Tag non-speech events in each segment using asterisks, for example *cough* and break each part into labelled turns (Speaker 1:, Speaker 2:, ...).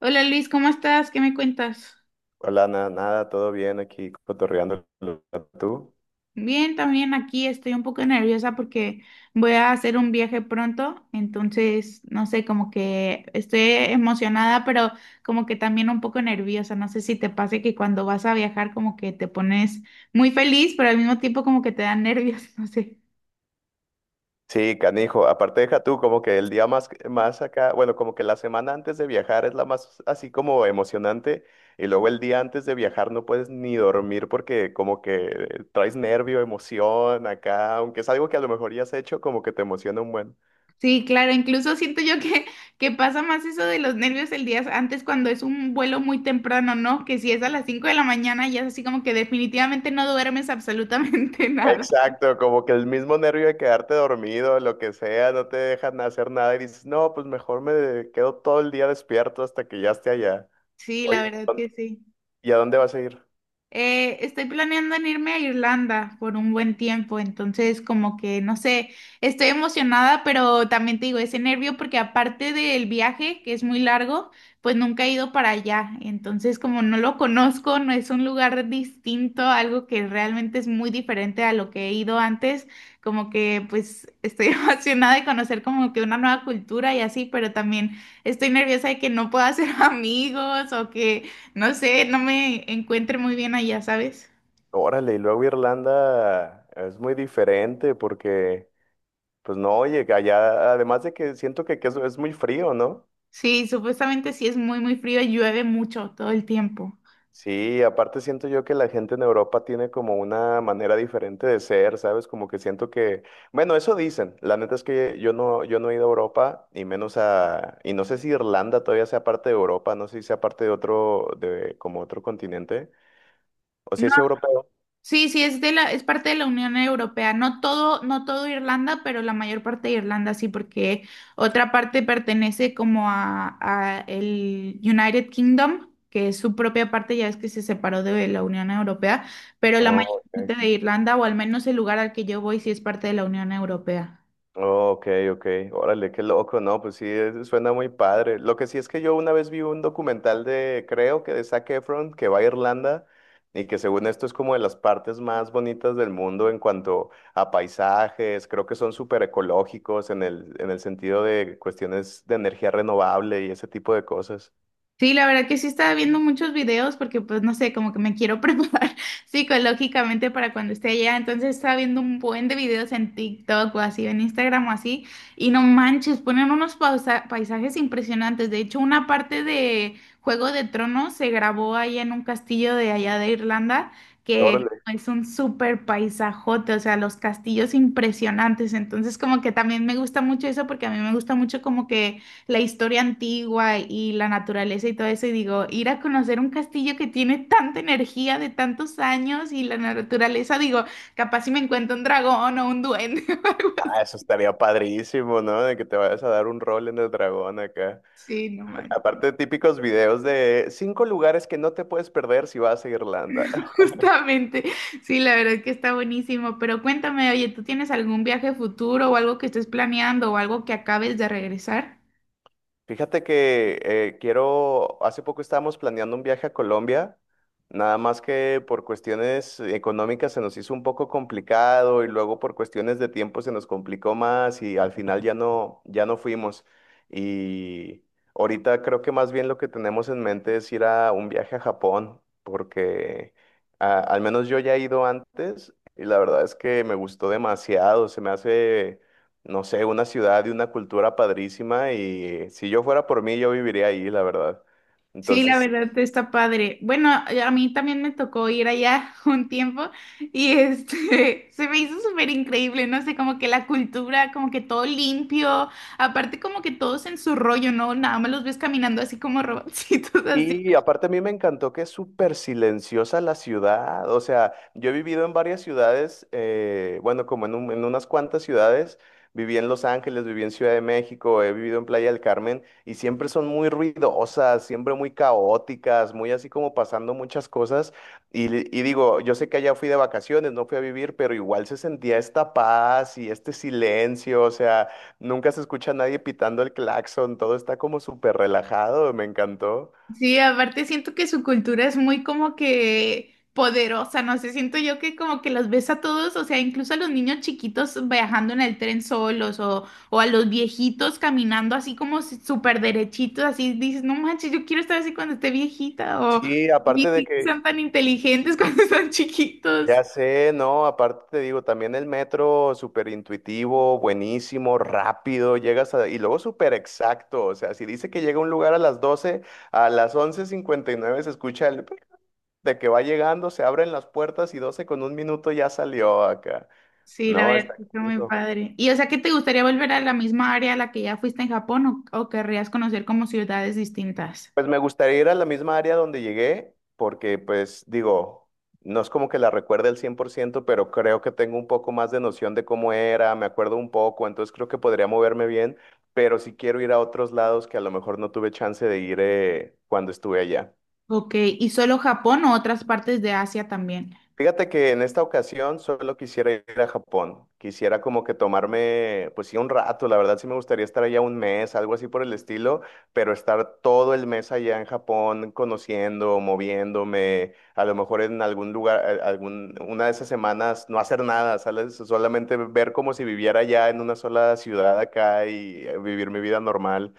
Speaker 1: Hola Luis, ¿cómo estás? ¿Qué me cuentas?
Speaker 2: Hola, nada, nada, todo bien aquí cotorreando tú.
Speaker 1: Bien, también aquí estoy un poco nerviosa porque voy a hacer un viaje pronto, entonces no sé, como que estoy emocionada, pero como que también un poco nerviosa. No sé si te pase que cuando vas a viajar como que te pones muy feliz, pero al mismo tiempo como que te dan nervios, *laughs* no sé.
Speaker 2: Sí, canijo, aparte deja tú, como que el día más acá, bueno, como que la semana antes de viajar es la más así como emocionante, y luego el día antes de viajar no puedes ni dormir porque como que traes nervio, emoción acá, aunque es algo que a lo mejor ya has hecho, como que te emociona un buen.
Speaker 1: Sí, claro, incluso siento yo que pasa más eso de los nervios el día antes cuando es un vuelo muy temprano, ¿no? Que si es a las 5 de la mañana ya es así como que definitivamente no duermes absolutamente *laughs* nada.
Speaker 2: Exacto, como que el mismo nervio de quedarte dormido, lo que sea, no te dejan hacer nada y dices, no, pues mejor me quedo todo el día despierto hasta que ya esté allá.
Speaker 1: Sí, la
Speaker 2: Oye,
Speaker 1: verdad que sí.
Speaker 2: ¿y a dónde vas a ir?
Speaker 1: Estoy planeando en irme a Irlanda por un buen tiempo, entonces como que no sé, estoy emocionada, pero también te digo, ese nervio porque aparte del viaje, que es muy largo, pues nunca he ido para allá, entonces como no lo conozco, no es un lugar distinto, algo que realmente es muy diferente a lo que he ido antes, como que pues estoy *laughs* emocionada de conocer como que una nueva cultura y así, pero también estoy nerviosa de que no pueda hacer *laughs* amigos o que no sé, no me encuentre muy bien allá, ¿sabes?
Speaker 2: Órale, y luego Irlanda es muy diferente porque, pues no, oye, que allá, además de que siento que es muy frío, ¿no?
Speaker 1: Sí, supuestamente sí es muy, muy frío y llueve mucho todo el tiempo.
Speaker 2: Sí, aparte siento yo que la gente en Europa tiene como una manera diferente de ser, ¿sabes? Como que siento que, bueno, eso dicen. La neta es que yo no, yo no he ido a Europa y menos a, y no sé si Irlanda todavía sea parte de Europa, no sé si sea parte de otro, de como otro continente, o si
Speaker 1: No,
Speaker 2: es europeo.
Speaker 1: sí, sí es parte de la Unión Europea. No todo, no todo Irlanda, pero la mayor parte de Irlanda sí, porque otra parte pertenece como a el United Kingdom, que es su propia parte, ya es que se separó de la Unión Europea, pero
Speaker 2: No,
Speaker 1: la mayor parte
Speaker 2: ok.
Speaker 1: de Irlanda, o al menos el lugar al que yo voy, sí es parte de la Unión Europea.
Speaker 2: Ok, ok, órale, qué loco, no, pues sí, suena muy padre. Lo que sí es que yo una vez vi un documental de, creo que de Zac Efron, que va a Irlanda y que según esto es como de las partes más bonitas del mundo en cuanto a paisajes, creo que son súper ecológicos en en el sentido de cuestiones de energía renovable y ese tipo de cosas.
Speaker 1: Sí, la verdad que sí estaba viendo muchos videos porque pues no sé, como que me quiero *laughs* preparar psicológicamente para cuando esté allá, entonces estaba viendo un buen de videos en TikTok o así, en Instagram o así, y no manches, ponen unos paisajes impresionantes. De hecho, una parte de Juego de Tronos se grabó ahí en un castillo de allá de Irlanda, que
Speaker 2: Órale,
Speaker 1: es un súper paisajote, o sea, los castillos impresionantes, entonces como que también me gusta mucho eso porque a mí me gusta mucho como que la historia antigua y la naturaleza y todo eso, y digo, ir a conocer un castillo que tiene tanta energía de tantos años y la naturaleza, digo, capaz si me encuentro un dragón o un duende *laughs* o algo así.
Speaker 2: ah, eso estaría padrísimo, ¿no? De que te vayas a dar un rol en el dragón acá.
Speaker 1: Sí, no
Speaker 2: *laughs*
Speaker 1: manches.
Speaker 2: Aparte, típicos videos de cinco lugares que no te puedes perder si vas a Irlanda.
Speaker 1: *laughs* Justamente, sí, la verdad es que está buenísimo, pero cuéntame, oye, ¿tú tienes algún viaje futuro o algo que estés planeando o algo que acabes de regresar?
Speaker 2: Fíjate que quiero, hace poco estábamos planeando un viaje a Colombia, nada más que por cuestiones económicas se nos hizo un poco complicado y luego por cuestiones de tiempo se nos complicó más y al final ya no, ya no fuimos. Y ahorita creo que más bien lo que tenemos en mente es ir a un viaje a Japón, porque ah, al menos yo ya he ido antes y la verdad es que me gustó demasiado, se me hace no sé, una ciudad y una cultura padrísima y si yo fuera por mí, yo viviría ahí, la verdad.
Speaker 1: Sí, la
Speaker 2: Entonces,
Speaker 1: verdad está padre. Bueno, a mí también me tocó ir allá *laughs* un tiempo y este *laughs* se me hizo súper increíble, no sé, como que la cultura, como que todo limpio, aparte como que todos en su rollo, ¿no? Nada más los ves caminando así como robotcitos, *laughs* así.
Speaker 2: y aparte a mí me encantó que es súper silenciosa la ciudad, o sea, yo he vivido en varias ciudades, bueno, como en, en unas cuantas ciudades, viví en Los Ángeles, viví en Ciudad de México, he vivido en Playa del Carmen y siempre son muy ruidosas, siempre muy caóticas, muy así como pasando muchas cosas. Y, y digo, yo sé que allá fui de vacaciones, no fui a vivir, pero igual se sentía esta paz y este silencio, o sea, nunca se escucha a nadie pitando el claxon, todo está como súper relajado, me encantó.
Speaker 1: Sí, aparte siento que su cultura es muy como que poderosa, no sé, siento yo que como que los ves a todos, o sea, incluso a los niños chiquitos viajando en el tren solos o a los viejitos caminando así como si- súper derechitos, así dices, no manches, yo quiero estar así cuando esté viejita o
Speaker 2: Sí, aparte de
Speaker 1: viejitos
Speaker 2: que,
Speaker 1: sean tan inteligentes *laughs* cuando están chiquitos.
Speaker 2: ya sé, no, aparte te digo, también el metro súper intuitivo, buenísimo, rápido, llegas a, y luego súper exacto, o sea, si dice que llega a un lugar a las 12:00, a las 11:59 se escucha el pic de que va llegando, se abren las puertas y 12:01 ya salió acá.
Speaker 1: Sí, la
Speaker 2: No,
Speaker 1: verdad,
Speaker 2: está...
Speaker 1: que está
Speaker 2: aquí.
Speaker 1: muy padre. Y o sea, ¿que te gustaría volver a la misma área a la que ya fuiste en Japón o querrías conocer como ciudades distintas?
Speaker 2: Pues me gustaría ir a la misma área donde llegué, porque pues digo, no es como que la recuerde al 100%, pero creo que tengo un poco más de noción de cómo era, me acuerdo un poco, entonces creo que podría moverme bien, pero sí quiero ir a otros lados que a lo mejor no tuve chance de ir cuando estuve allá.
Speaker 1: Ok, ¿y solo Japón o otras partes de Asia también?
Speaker 2: Fíjate que en esta ocasión solo quisiera ir a Japón. Quisiera como que tomarme, pues sí, un rato. La verdad sí me gustaría estar allá un mes, algo así por el estilo, pero estar todo el mes allá en Japón, conociendo, moviéndome, a lo mejor en algún lugar, algún, una de esas semanas no hacer nada, ¿sabes? Solamente ver como si viviera allá en una sola ciudad acá y vivir mi vida normal.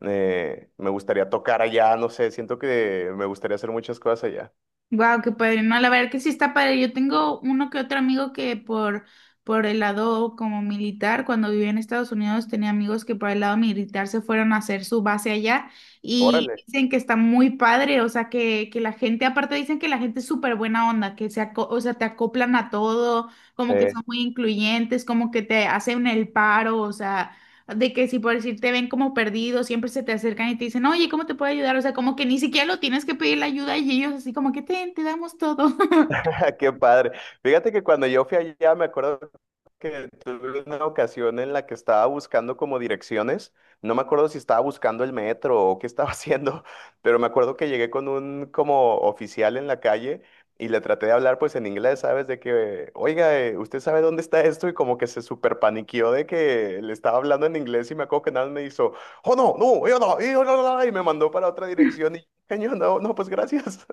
Speaker 2: Me gustaría tocar allá, no sé, siento que me gustaría hacer muchas cosas allá.
Speaker 1: Wow, qué padre. No, la verdad que sí está padre. Yo tengo uno que otro amigo que por el lado como militar, cuando vivía en Estados Unidos, tenía amigos que por el lado militar se fueron a hacer su base allá y
Speaker 2: Órale.
Speaker 1: dicen que está muy padre. O sea, que la gente, aparte dicen que la gente es súper buena onda, que o sea, te acoplan a todo,
Speaker 2: Sí.
Speaker 1: como que son muy incluyentes, como que te hacen el paro, o sea. De que si por decir te ven como perdido, siempre se te acercan y te dicen, oye, ¿cómo te puedo ayudar? O sea, como que ni siquiera lo tienes que pedir la ayuda y ellos así como que te damos todo. *laughs*
Speaker 2: *laughs* Qué padre. Fíjate que cuando yo fui allá, me acuerdo que tuve una ocasión en la que estaba buscando como direcciones. No me acuerdo si estaba buscando el metro o qué estaba *laughs* haciendo, pero me acuerdo que llegué con un como oficial en la calle y le traté de hablar pues en inglés, ¿sabes? De que, oiga, ¿usted sabe dónde está esto? Y como que se super paniqueó de que le estaba hablando en inglés y me acuerdo que nada más me hizo, "oh no, no, yo no, yo no, no", y me mandó para otra dirección y, yo, no, no, pues gracias.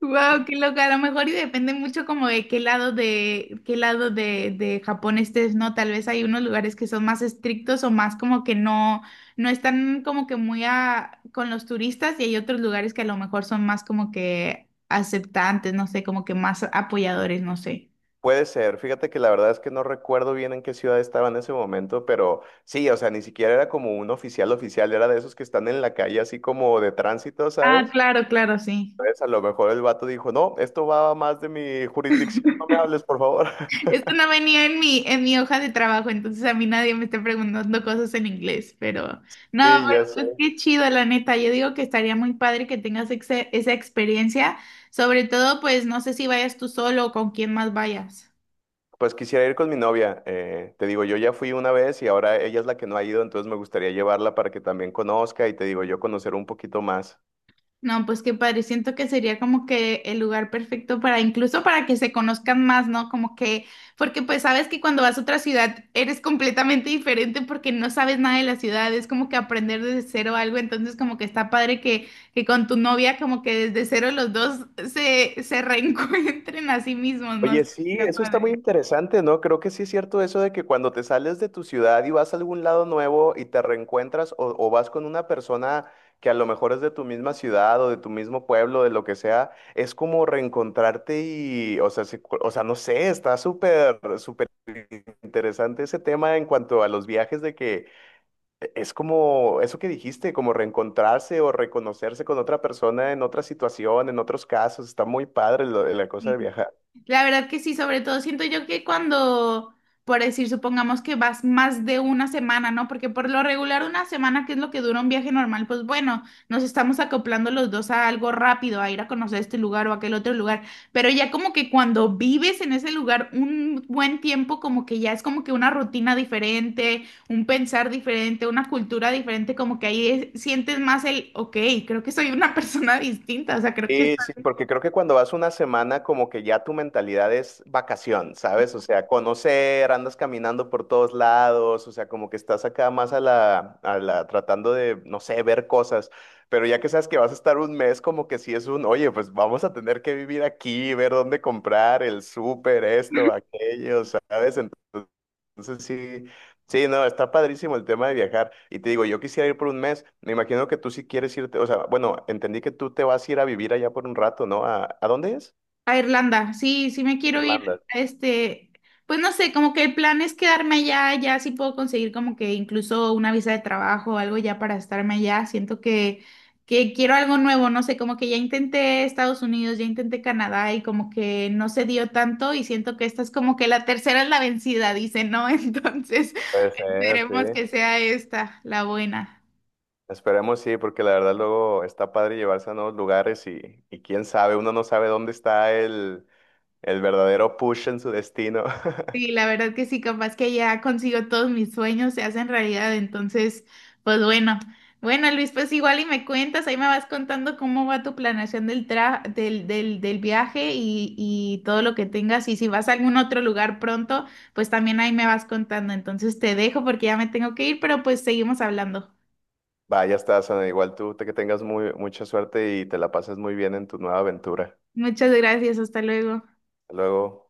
Speaker 1: Wow, qué loca. A lo mejor y depende mucho como de qué lado de Japón estés, ¿no? Tal vez hay unos lugares que son más estrictos o más como que no están como que muy a, con los turistas y hay otros lugares que a lo mejor son más como que aceptantes, no sé, como que más apoyadores, no sé.
Speaker 2: Puede ser, fíjate que la verdad es que no recuerdo bien en qué ciudad estaba en ese momento, pero sí, o sea, ni siquiera era como un oficial oficial, era de esos que están en la calle así como de tránsito,
Speaker 1: Ah,
Speaker 2: ¿sabes?
Speaker 1: claro, claro, sí.
Speaker 2: Entonces a lo mejor el vato dijo, no, esto va más de mi jurisdicción, no me hables, por favor. *laughs*
Speaker 1: Esto no venía en mi hoja de trabajo, entonces a mí nadie me está preguntando cosas en inglés, pero no,
Speaker 2: Y ya
Speaker 1: pero
Speaker 2: sé.
Speaker 1: pues qué chido, la neta. Yo digo que estaría muy padre que tengas esa experiencia, sobre todo, pues no sé si vayas tú solo o con quién más vayas.
Speaker 2: Pues quisiera ir con mi novia, te digo, yo ya fui una vez y ahora ella es la que no ha ido, entonces me gustaría llevarla para que también conozca y te digo, yo conocer un poquito más.
Speaker 1: No, pues qué padre, siento que sería como que el lugar perfecto para incluso para que se conozcan más, ¿no? Como que, porque pues sabes que cuando vas a otra ciudad eres completamente diferente porque no sabes nada de la ciudad, es como que aprender desde cero algo, entonces como que está padre que con tu novia como que desde cero los dos se *laughs* reencuentren a sí mismos, ¿no?
Speaker 2: Oye, sí,
Speaker 1: Sería
Speaker 2: eso está muy
Speaker 1: padre.
Speaker 2: interesante, ¿no? Creo que sí es cierto eso de que cuando te sales de tu ciudad y vas a algún lado nuevo y te reencuentras o vas con una persona que a lo mejor es de tu misma ciudad o de tu mismo pueblo, de lo que sea, es como reencontrarte y, o sea, sí, o sea, no sé, está súper, súper interesante ese tema en cuanto a los viajes de que es como eso que dijiste, como reencontrarse o reconocerse con otra persona en otra situación, en otros casos, está muy padre la cosa de
Speaker 1: Sí.
Speaker 2: viajar.
Speaker 1: La verdad que sí, sobre todo siento yo que cuando, por decir, supongamos que vas más de una semana, ¿no? Porque por lo regular una semana, que es lo que dura un viaje normal, pues bueno, nos estamos acoplando los dos a algo rápido, a ir a conocer este lugar o aquel otro lugar, pero ya como que cuando vives en ese lugar un buen tiempo, como que ya es como que una rutina diferente, un pensar diferente, una cultura diferente, como que sientes más el, ok, creo que soy una *laughs* persona distinta, o sea, creo que
Speaker 2: Sí,
Speaker 1: está.
Speaker 2: sí, porque creo que cuando vas una semana como que ya tu mentalidad es vacación, ¿sabes? O sea, conocer, andas caminando por todos lados, o sea, como que estás acá más a la tratando de, no sé, ver cosas, pero ya que sabes que vas a estar un mes, como que sí es un, oye, pues vamos a tener que vivir aquí, ver dónde comprar, el súper, esto, aquello, ¿sabes? Entonces sí. Sí, no, está padrísimo el tema de viajar. Y te digo, yo quisiera ir por un mes. Me imagino que tú sí quieres irte, o sea, bueno, entendí que tú te vas a ir a vivir allá por un rato, ¿no? A dónde es?
Speaker 1: A Irlanda, sí, sí me quiero ir,
Speaker 2: Irlanda.
Speaker 1: este, pues no sé, como que el plan es quedarme allá, ya sí puedo conseguir como que incluso una visa de trabajo o algo ya para estarme allá, siento que quiero algo nuevo, no sé, como que ya intenté Estados Unidos, ya intenté Canadá y como que no se dio tanto y siento que esta es como que la tercera es la vencida, dice, ¿no? *laughs* Entonces,
Speaker 2: Puede ser, sí.
Speaker 1: esperemos que sea esta la buena.
Speaker 2: Esperemos sí, porque la verdad luego está padre llevarse a nuevos lugares y quién sabe, uno no sabe dónde está el verdadero push en su destino. *laughs*
Speaker 1: Sí, la verdad que sí, capaz que ya consigo todos mis sueños, se hacen realidad, entonces, pues bueno. Bueno, Luis, pues igual y me cuentas, ahí me vas contando cómo va tu planeación del del viaje y todo lo que tengas. Y si vas a algún otro lugar pronto, pues también ahí me vas contando. Entonces te dejo porque ya me tengo que ir, pero pues seguimos hablando.
Speaker 2: Vaya, estás, Ana, igual tú, que tengas muy, mucha suerte y te la pases muy bien en tu nueva aventura.
Speaker 1: Muchas gracias, hasta luego.
Speaker 2: Hasta luego.